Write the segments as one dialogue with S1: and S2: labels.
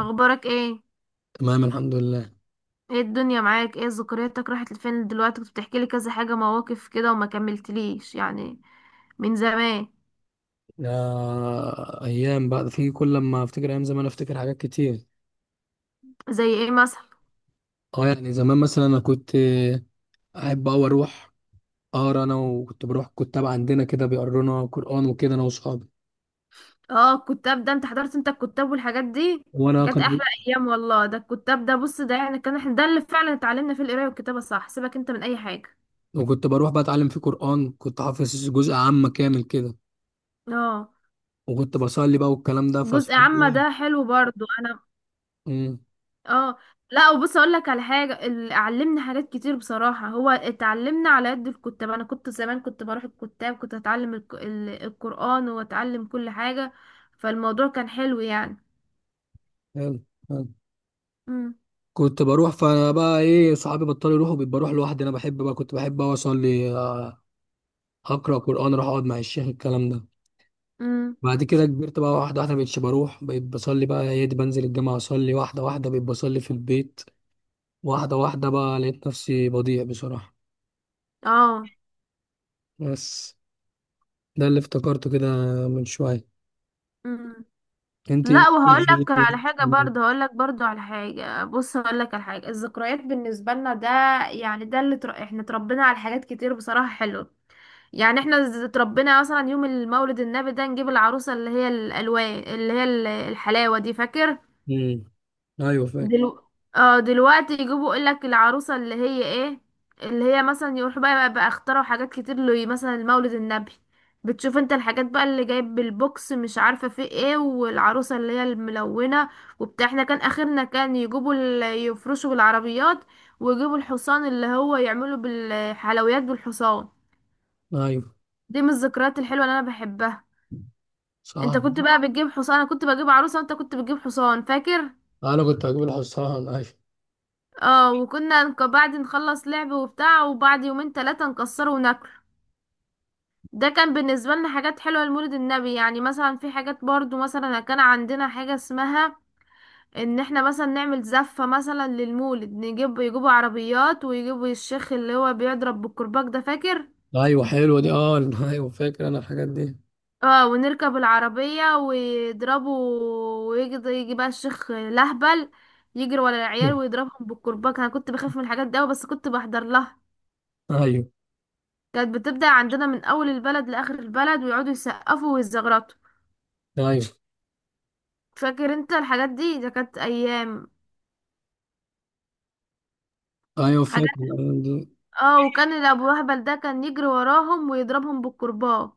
S1: اخبارك ايه؟
S2: تمام الحمد لله.
S1: ايه الدنيا معاك؟ ايه ذكرياتك؟ راحت لفين دلوقتي؟ كنت بتحكي لي كذا حاجه، مواقف كده وما كملتليش يعني، من زمان.
S2: آه، ايام بقى، في كل لما افتكر ايام زمان افتكر حاجات كتير.
S1: زي ايه مثلا؟
S2: اه يعني زمان مثلا انا كنت احب اوي اروح اقرا، انا وكنت بروح كتاب عندنا كده بيقرونا قران وكده انا واصحابي.
S1: اه، الكتاب ده، انت حضرت انت الكتاب والحاجات دي؟ دي
S2: وانا
S1: كانت
S2: كان
S1: احلى ايام والله. ده الكتاب ده، بص، ده يعني كان احنا ده اللي فعلا اتعلمنا فيه القرايه والكتابه، صح؟ سيبك انت من اي حاجه.
S2: وكنت بروح بقى اتعلم فيه قران، كنت حافظ جزء عامه كامل كده،
S1: اه،
S2: وكنت بصلي بقى والكلام ده
S1: جزء
S2: فاصحابي
S1: عامه
S2: ايه.
S1: ده حلو برضو، انا.
S2: امم
S1: اه. لا، وبص اقول لك على حاجه، علمني حاجات كتير بصراحه. هو اتعلمنا على قد الكتاب، انا كنت زمان كنت بروح الكتاب، كنت اتعلم القران واتعلم كل حاجه، فالموضوع كان حلو يعني.
S2: حلو، حلو.
S1: امم.
S2: كنت بروح فبقى ايه صحابي بطلوا يروحوا، بقيت بروح لوحدي. انا بحب بقى، كنت بحب اوي اصلي اقرا قران، اروح اقعد مع الشيخ الكلام ده.
S1: امم.
S2: بعد كده كبرت بقى، واحدة واحدة مبقتش بروح، بقيت بصلي بقى يا دي بنزل الجامعة أصلي، واحدة واحدة بقيت بصلي في البيت، واحدة واحدة بقى لقيت نفسي بضيع بصراحة.
S1: اه.
S2: بس ده اللي افتكرته كده من شوية.
S1: امم.
S2: انت؟
S1: لا، وهقول لك على حاجه برضه، هقول لك برضه على حاجه، بص هقول لك على حاجه. الذكريات بالنسبه لنا ده يعني، احنا اتربينا على حاجات كتير بصراحه حلوه. يعني احنا اتربينا مثلا يوم المولد النبي ده، نجيب العروسة اللي هي الألوان، اللي هي الحلاوة دي، فاكر؟
S2: امم. ايوه فاكر.
S1: دلو... اه، دلوقتي يجيبوا، يقولك العروسة اللي هي ايه، اللي هي مثلا، يروحوا بقى اخترعوا حاجات كتير له، مثلا المولد النبي بتشوف انت الحاجات بقى اللي جايب بالبوكس، مش عارفة فيه ايه، والعروسة اللي هي الملونة وبتاع. احنا كان اخرنا كان يجيبوا يفرشوا بالعربيات ويجيبوا الحصان، اللي هو يعملوا بالحلويات بالحصان.
S2: ايوه
S1: دي من الذكريات الحلوة اللي انا بحبها.
S2: صح.
S1: انت كنت بقى بتجيب حصان، انا كنت بجيب عروسه وانت كنت بتجيب حصان، فاكر؟
S2: انا كنت هجيب الحصان، ايوه.
S1: اه، وكنا بعد نخلص لعب وبتاع، وبعد يومين 3 نكسره وناكله. ده كان بالنسبه لنا حاجات حلوه لمولد النبي. يعني مثلا في حاجات برضو، مثلا كان عندنا حاجه اسمها ان احنا مثلا نعمل زفه مثلا للمولد، نجيب، يجيبوا عربيات ويجيبوا الشيخ اللي هو بيضرب بالكرباج ده، فاكر؟
S2: ايوه، حلوة دي، اه ايوه فاكر انا الحاجات دي.
S1: اه، ونركب العربية ويضربوا، ويجي بقى الشيخ الأهبل، يجري ورا العيال ويضربهم بالكرباج. انا كنت بخاف من الحاجات دي أوي، بس كنت بحضر لها.
S2: ايوه،
S1: كانت بتبدأ عندنا من أول البلد لآخر البلد، ويقعدوا يسقفوا ويزغرطوا.
S2: ايوه،
S1: فاكر انت الحاجات دي؟ ده كانت أيام،
S2: ايوه فاكر.
S1: حاجات. اه، وكان الأبو أهبل ده كان يجري وراهم ويضربهم بالكرباج.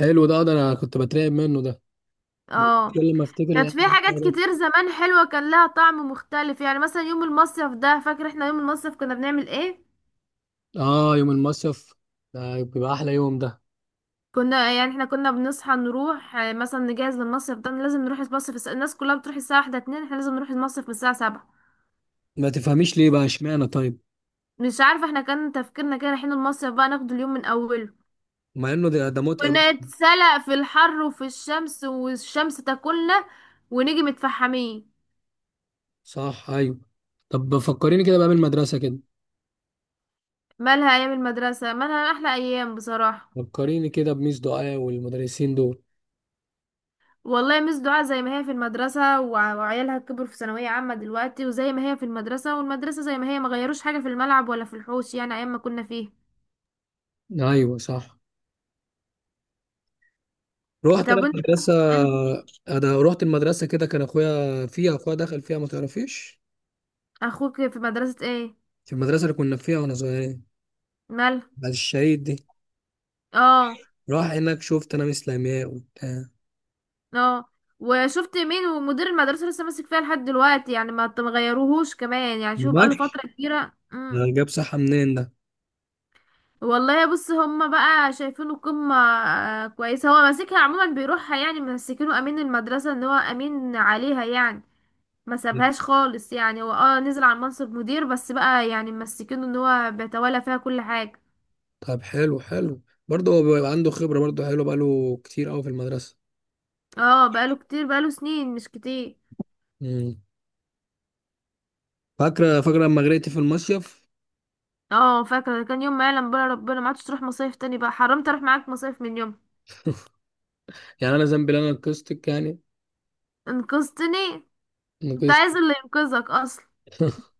S2: حلو ده، ده انا كنت بترعب منه ده
S1: اه،
S2: كل ما افتكر
S1: كانت
S2: الايام
S1: في حاجات
S2: دي.
S1: كتير زمان حلوة، كان لها طعم مختلف. يعني مثلا يوم المصيف ده، فاكر احنا يوم المصيف كنا بنعمل ايه؟
S2: اه يوم المصيف ده بيبقى احلى يوم ده.
S1: كنا يعني احنا كنا بنصحى نروح، آه، مثلا نجهز للمصيف. ده لازم نروح المصيف، الناس كلها بتروح الساعة 1 2، احنا لازم نروح المصيف من الساعة 7.
S2: ما تفهميش ليه بقى اشمعنى طيب؟
S1: مش عارفة، احنا كان تفكيرنا كده، رايحين المصيف بقى ناخد اليوم من أوله،
S2: مع انه ده ده متعب.
S1: ونتسلق في الحر وفي الشمس، والشمس تاكلنا ونيجي متفحمين.
S2: صح، ايوه. طب فكريني كده بقى بالمدرسه كده،
S1: مالها أيام المدرسة، مالها؟ أحلى أيام بصراحة.
S2: فكريني كده بميس دعاء والمدرسين دول.
S1: والله مس دعاء زي ما هي في المدرسة، وعيالها كبروا في ثانوية عامة دلوقتي، وزي ما هي في المدرسة، والمدرسة زي ما هي، ما غيروش حاجة، في الملعب ولا في الحوش، يعني أيام ما كنا فيه.
S2: ايوه صح. رحت انا
S1: طب
S2: المدرسه،
S1: انت.
S2: انا رحت المدرسه كده. كان اخويا فيها، اخويا دخل فيها ما تعرفيش.
S1: اخوك في مدرسة ايه؟
S2: في المدرسه اللي كنا فيها واحنا صغيرين،
S1: مال.
S2: بعد الشهيد دي.
S1: اه.
S2: راح هناك، شفت انا ميس لمياء وبتاع.
S1: اه، وشفت مين، ومدير المدرسة لسه ماسك فيها لحد دلوقتي يعني، ما تغيروهوش كمان يعني، شوف
S2: ما
S1: بقاله فترة كبيرة. امم.
S2: جابش صحه منين ده.
S1: والله بص، هما بقى شايفينه قمة، آه، كويسة. هو ماسكها عموما، بيروحها يعني، ماسكينه امين المدرسة، ان هو امين عليها يعني، ما سابهاش خالص يعني. هو اه نزل على منصب مدير، بس بقى يعني ماسكينه ان هو بيتولى فيها كل حاجة.
S2: طب حلو حلو، برضه هو بيبقى عنده خبرة، برضه حلو بقاله كتير قوي في المدرسة.
S1: اه بقاله كتير، بقاله سنين، مش كتير.
S2: امم. فاكرة؟ فاكرة لما غرقت في المصيف؟
S1: اه فاكرة، كان يوم ما يعلم بقى ربنا، ما عادش تروح مصايف تاني بقى، حرمت اروح معاك مصايف من يوم.
S2: يعني أنا ذنبي إن أنا نقصتك يعني؟
S1: انقذتني؟ كنت
S2: نقصت.
S1: عايز اللي ينقذك اصلا،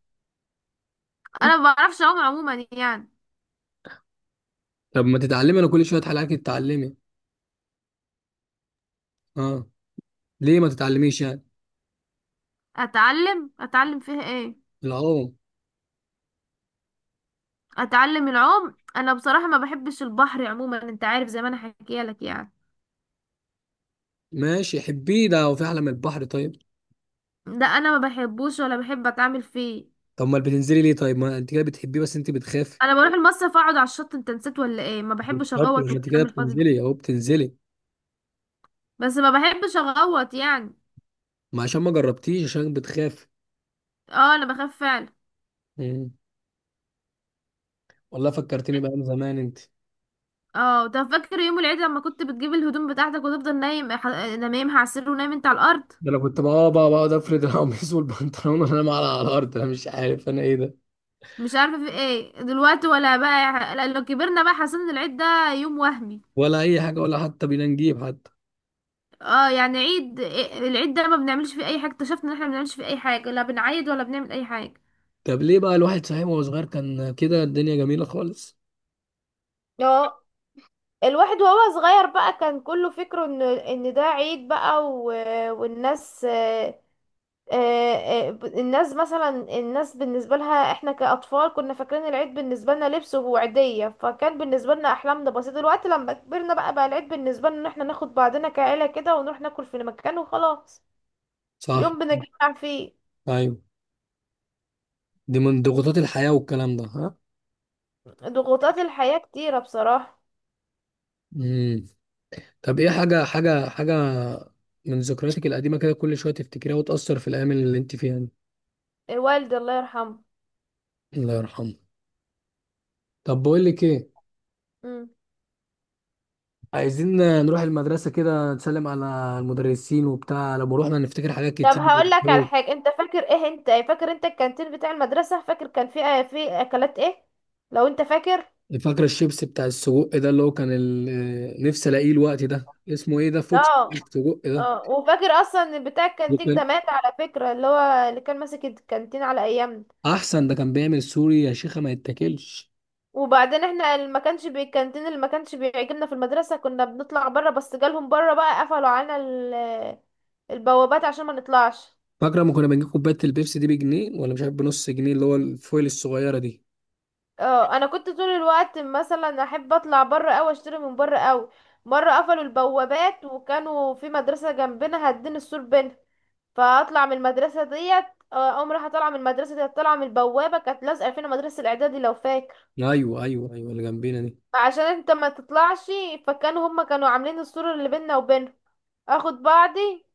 S1: انا ما بعرفش اعوم عموما يعني.
S2: طب ما تتعلمي؟ أنا كل شوية حلقات تتعلمي. أه. ليه ما تتعلميش يعني؟
S1: اتعلم فيها ايه؟
S2: العوم.
S1: اتعلم العوم؟ انا بصراحة ما بحبش البحر عموما، انت عارف زي ما انا حكيت لك يعني.
S2: ماشي حبيه ده، وفي أحلى من البحر طيب؟
S1: ده انا ما بحبوش ولا بحب اتعامل فيه.
S2: طب ما بتنزلي ليه طيب؟ ما أنت كده بتحبيه، بس أنت بتخافي.
S1: انا بروح المصيف اقعد على الشط، انت نسيت ولا ايه؟ ما
S2: مش
S1: بحبش
S2: شرط،
S1: اغوط
S2: لما أنت كده
S1: والكلام الفاضي ده.
S2: بتنزلي أهو بتنزلي.
S1: بس ما بحبش اغوط يعني.
S2: ما عشان ما جربتيش، عشان بتخافي.
S1: اه، انا بخاف فعلا.
S2: امم. والله فكرتني بأيام زمان أنت.
S1: اه، ده فاكر يوم العيد لما كنت بتجيب الهدوم بتاعتك وتفضل نايم، نايمها على السرير ونايم انت على الارض؟
S2: ده انا كنت بقى بقعد افرد القميص والبنطلون وانا مع على الارض، انا مش عارف انا ايه ده.
S1: مش عارفه في ايه دلوقتي، ولا بقى لو كبرنا بقى حسينا ان العيد ده يوم وهمي.
S2: ولا اي حاجه ولا حتى بينا نجيب حتى.
S1: اه، يعني عيد العيد ده ما بنعملش فيه اي حاجه، اكتشفنا ان احنا ما بنعملش فيه اي حاجه، لا بنعيد ولا بنعمل اي حاجه.
S2: طب ليه بقى الواحد صحيح وهو صغير كان كده الدنيا جميله خالص؟
S1: اه. الواحد وهو صغير بقى كان كله فكره ان ده عيد بقى والناس، آه، آه، الناس مثلا، الناس بالنسبة لها احنا كأطفال كنا فاكرين العيد بالنسبة لنا لبس وعيدية، فكان بالنسبة لنا أحلامنا بسيطة. دلوقتي لما كبرنا بقى، بقى العيد بالنسبة لنا ان احنا ناخد بعضنا كعيلة كده ونروح ناكل في مكان وخلاص،
S2: صح،
S1: يوم بنتجمع فيه.
S2: ايوه. دي من ضغوطات الحياه والكلام ده، ها.
S1: ضغوطات الحياة كتيرة بصراحة.
S2: امم. طب ايه حاجه حاجه من ذكرياتك القديمه كده كل شويه تفتكريها وتاثر في الايام اللي انت فيها دي؟
S1: والدي الله يرحمه.
S2: الله يرحمه. طب بقول لك ايه،
S1: مم.
S2: عايزين نروح المدرسه كده نسلم على المدرسين وبتاع، لما روحنا نفتكر حاجات
S1: طب هقول
S2: كتير.
S1: لك على حاجة، انت فاكر ايه؟ انت فاكر انت الكانتين بتاع المدرسة، فاكر كان فيه في اكلات ايه، لو انت فاكر؟
S2: فاكرة الشيبس بتاع السجق ده؟ اللي هو كان ال- نفسي الاقيه الوقت ده، اسمه ايه ده، فوكس
S1: اه.
S2: السجق ده.
S1: اه، وفاكر اصلا ان بتاع
S2: ده
S1: الكانتين
S2: كان
S1: ده مات على فكرة، اللي هو اللي كان ماسك الكانتين على ايامنا؟
S2: احسن، ده كان بيعمل سوري يا شيخة ما يتاكلش.
S1: وبعدين احنا اللي ما كانش الكانتين اللي ما كانش بيعجبنا في المدرسة، كنا بنطلع بره، بس جالهم بره بقى قفلوا علينا البوابات عشان ما نطلعش.
S2: فاكرة ما كنا بنجيب كوباية البيبسي دي بجنيه ولا مش عارف بنص جنيه، اللي هو الفويل الصغيرة دي؟
S1: اه، انا كنت طول الوقت مثلا احب اطلع بره او اشتري من بره، او مرة قفلوا البوابات، وكانوا في مدرسة جنبنا هدين السور بينها، فاطلع من المدرسه ديت، آه، اقوم رايحه طالعه من المدرسه ديت، طالعه من البوابه، كانت لازقه فينا مدرسه الاعدادي لو فاكر.
S2: ايوه ايوه ايوه، اللي جنبينا دي.
S1: عشان انت ما تطلعش، فكانوا هما كانوا عاملين السور اللي بيننا وبينهم، اخد بعضي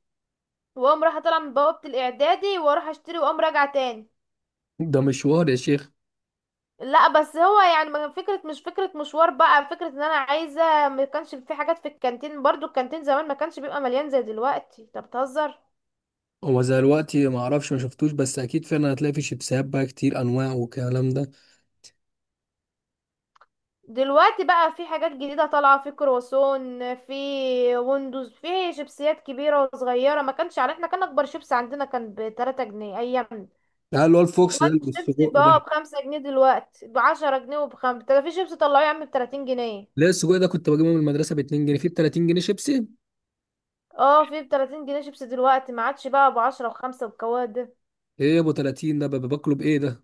S1: واقوم رايحه طالعه من بوابه الاعدادي واروح اشتري واقوم راجعه تاني.
S2: ده مشوار يا شيخ.
S1: لا، بس هو يعني ما كان فكره، مش فكره مشوار بقى، فكره ان انا عايزه. ما كانش في حاجات في الكانتين برضو، الكانتين زمان ما كانش بيبقى مليان زي دلوقتي، انت بتهزر.
S2: هو زي دلوقتي ما اعرفش، ما شفتوش، بس اكيد فعلا هتلاقي في شيبسات بقى كتير انواع والكلام ده.
S1: دلوقتي بقى في حاجات جديدة طالعة، في كرواسون، في ويندوز، في شيبسيات كبيرة وصغيرة، ما كانش على. احنا كان أكبر شيبس عندنا كان بـ3 جنيه، أيام.
S2: لا اللي هو الفوكس ده،
S1: دلوقتي
S2: اللي
S1: الشيبس
S2: بالسجق ده.
S1: بقى بـ5 جنيه، دلوقتي بـ10 جنيه، وبخمسة ده في شيبس طلعوه يا عم بـ30 جنيه.
S2: لا السجق ده كنت بجيبه من المدرسة ب 2 جنيه، فيه ب 30 جنيه شيبسي؟
S1: اه في بـ30 جنيه شيبس دلوقتي، ما عادش بقى بـ10 و5 والكواد ده.
S2: ايه يا ابو 30 ده، ببقى باكله بايه ده؟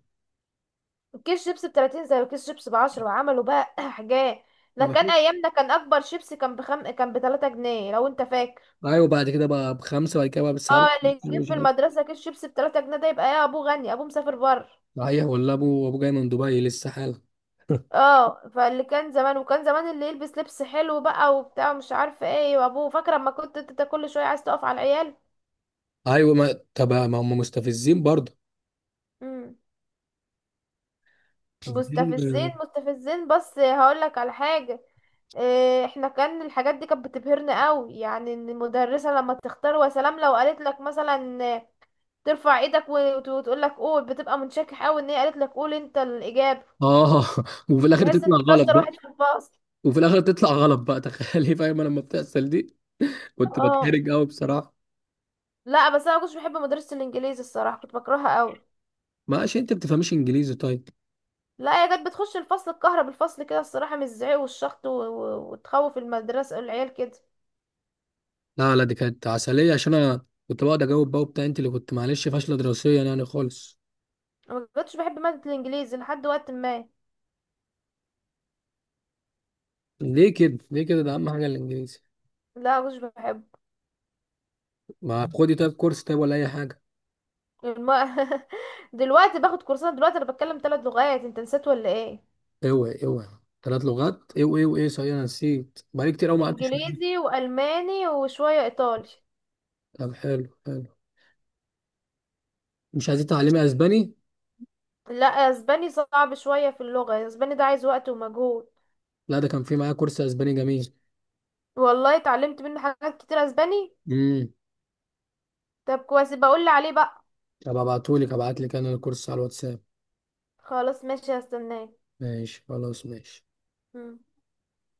S1: كيس شيبس بـ30 زي كيس شيبس بـ10، وعملوا بقى حاجات. ده
S2: انا
S1: كان
S2: شفت.
S1: أيامنا كان أكبر شيبس كان كان بـ3 جنيه لو أنت فاكر.
S2: ايوه بعد كده بقى بخمسه، بعد كده بقى بالساعه. مش
S1: اه، اللي يجيب في
S2: عارف.
S1: المدرسة كيس شيبسي بـ3 جنيه ده، يبقى ايه؟ ابوه غني، ابوه مسافر بره.
S2: صحيح ولا ابو جاي من دبي لسه حالا.
S1: اه، فاللي كان زمان، وكان زمان اللي يلبس لبس حلو بقى وبتاع، مش عارفة ايه، وابوه. فاكرة اما كنت انت كل شوية عايز تقف على العيال.
S2: ايوه، ما طب ما هم مستفزين برضه.
S1: مم. مستفزين،
S2: مستفزين،
S1: مستفزين، بس هقولك على حاجة. إيه، احنا كان الحاجات دي كانت بتبهرنا قوي، يعني ان المدرسة لما تختار وسلام، لو قالت لك مثلا، آه، ترفع ايدك وتقول لك قول، بتبقى منشكح قوي ان هي قالت لك قول انت الاجابة.
S2: اه. وفي الاخر
S1: تحس ان
S2: تطلع
S1: انت
S2: غلط
S1: اشطر
S2: بقى.
S1: واحد في الفصل.
S2: وفي الاخر تطلع غلط بقى، تخيلي. فاهم انا لما بتحصل دي، كنت
S1: اه.
S2: بتحرج قوي بصراحه.
S1: لا بس انا ما كنتش بحب مدرسة الانجليزي الصراحة، كنت بكرهها قوي.
S2: ماشي، انت بتفهميش انجليزي طيب.
S1: لا هي كانت بتخش الفصل الكهرب بالفصل كده الصراحة، من الزعيق والشخط وتخوف المدرسة العيال كده.
S2: لا لا، دي كانت عسليه عشان انا كنت بقعد اجاوب بقى وبتاع، انت اللي كنت معلش فاشله دراسيا يعني خالص.
S1: أنا ما كنتش بحب مادة الانجليزي لحد وقت ما.
S2: ليه كده؟ ليه كده؟ ده اهم حاجه الانجليزي.
S1: لا ما كنتش بحب.
S2: ما خدي طيب كورس، طيب، ولا اي حاجه.
S1: الم... دلوقتي باخد كورسات، دلوقتي انا بتكلم 3 لغات، انت نسيت ولا ايه؟
S2: اوعي اوعي، ثلاث لغات، اوعي اوعي، صحيح انا نسيت، بقالي كتير قوي ما قعدتش معاك.
S1: انجليزي والماني وشوية ايطالي.
S2: طب حلو حلو. مش عايزين تعلمي اسباني؟
S1: لا اسباني صعب شوية، في اللغة اسباني ده عايز وقت ومجهود.
S2: لا ده كان في معايا كورس اسباني جميل.
S1: والله اتعلمت منه حاجات كتير اسباني.
S2: امم.
S1: طب كويس، بقول لي عليه بقى.
S2: طب ابعتهولك، ابعتلك انا الكورس على الواتساب.
S1: خلاص ماشي هستناك.
S2: ماشي خلاص ماشي.
S1: مم.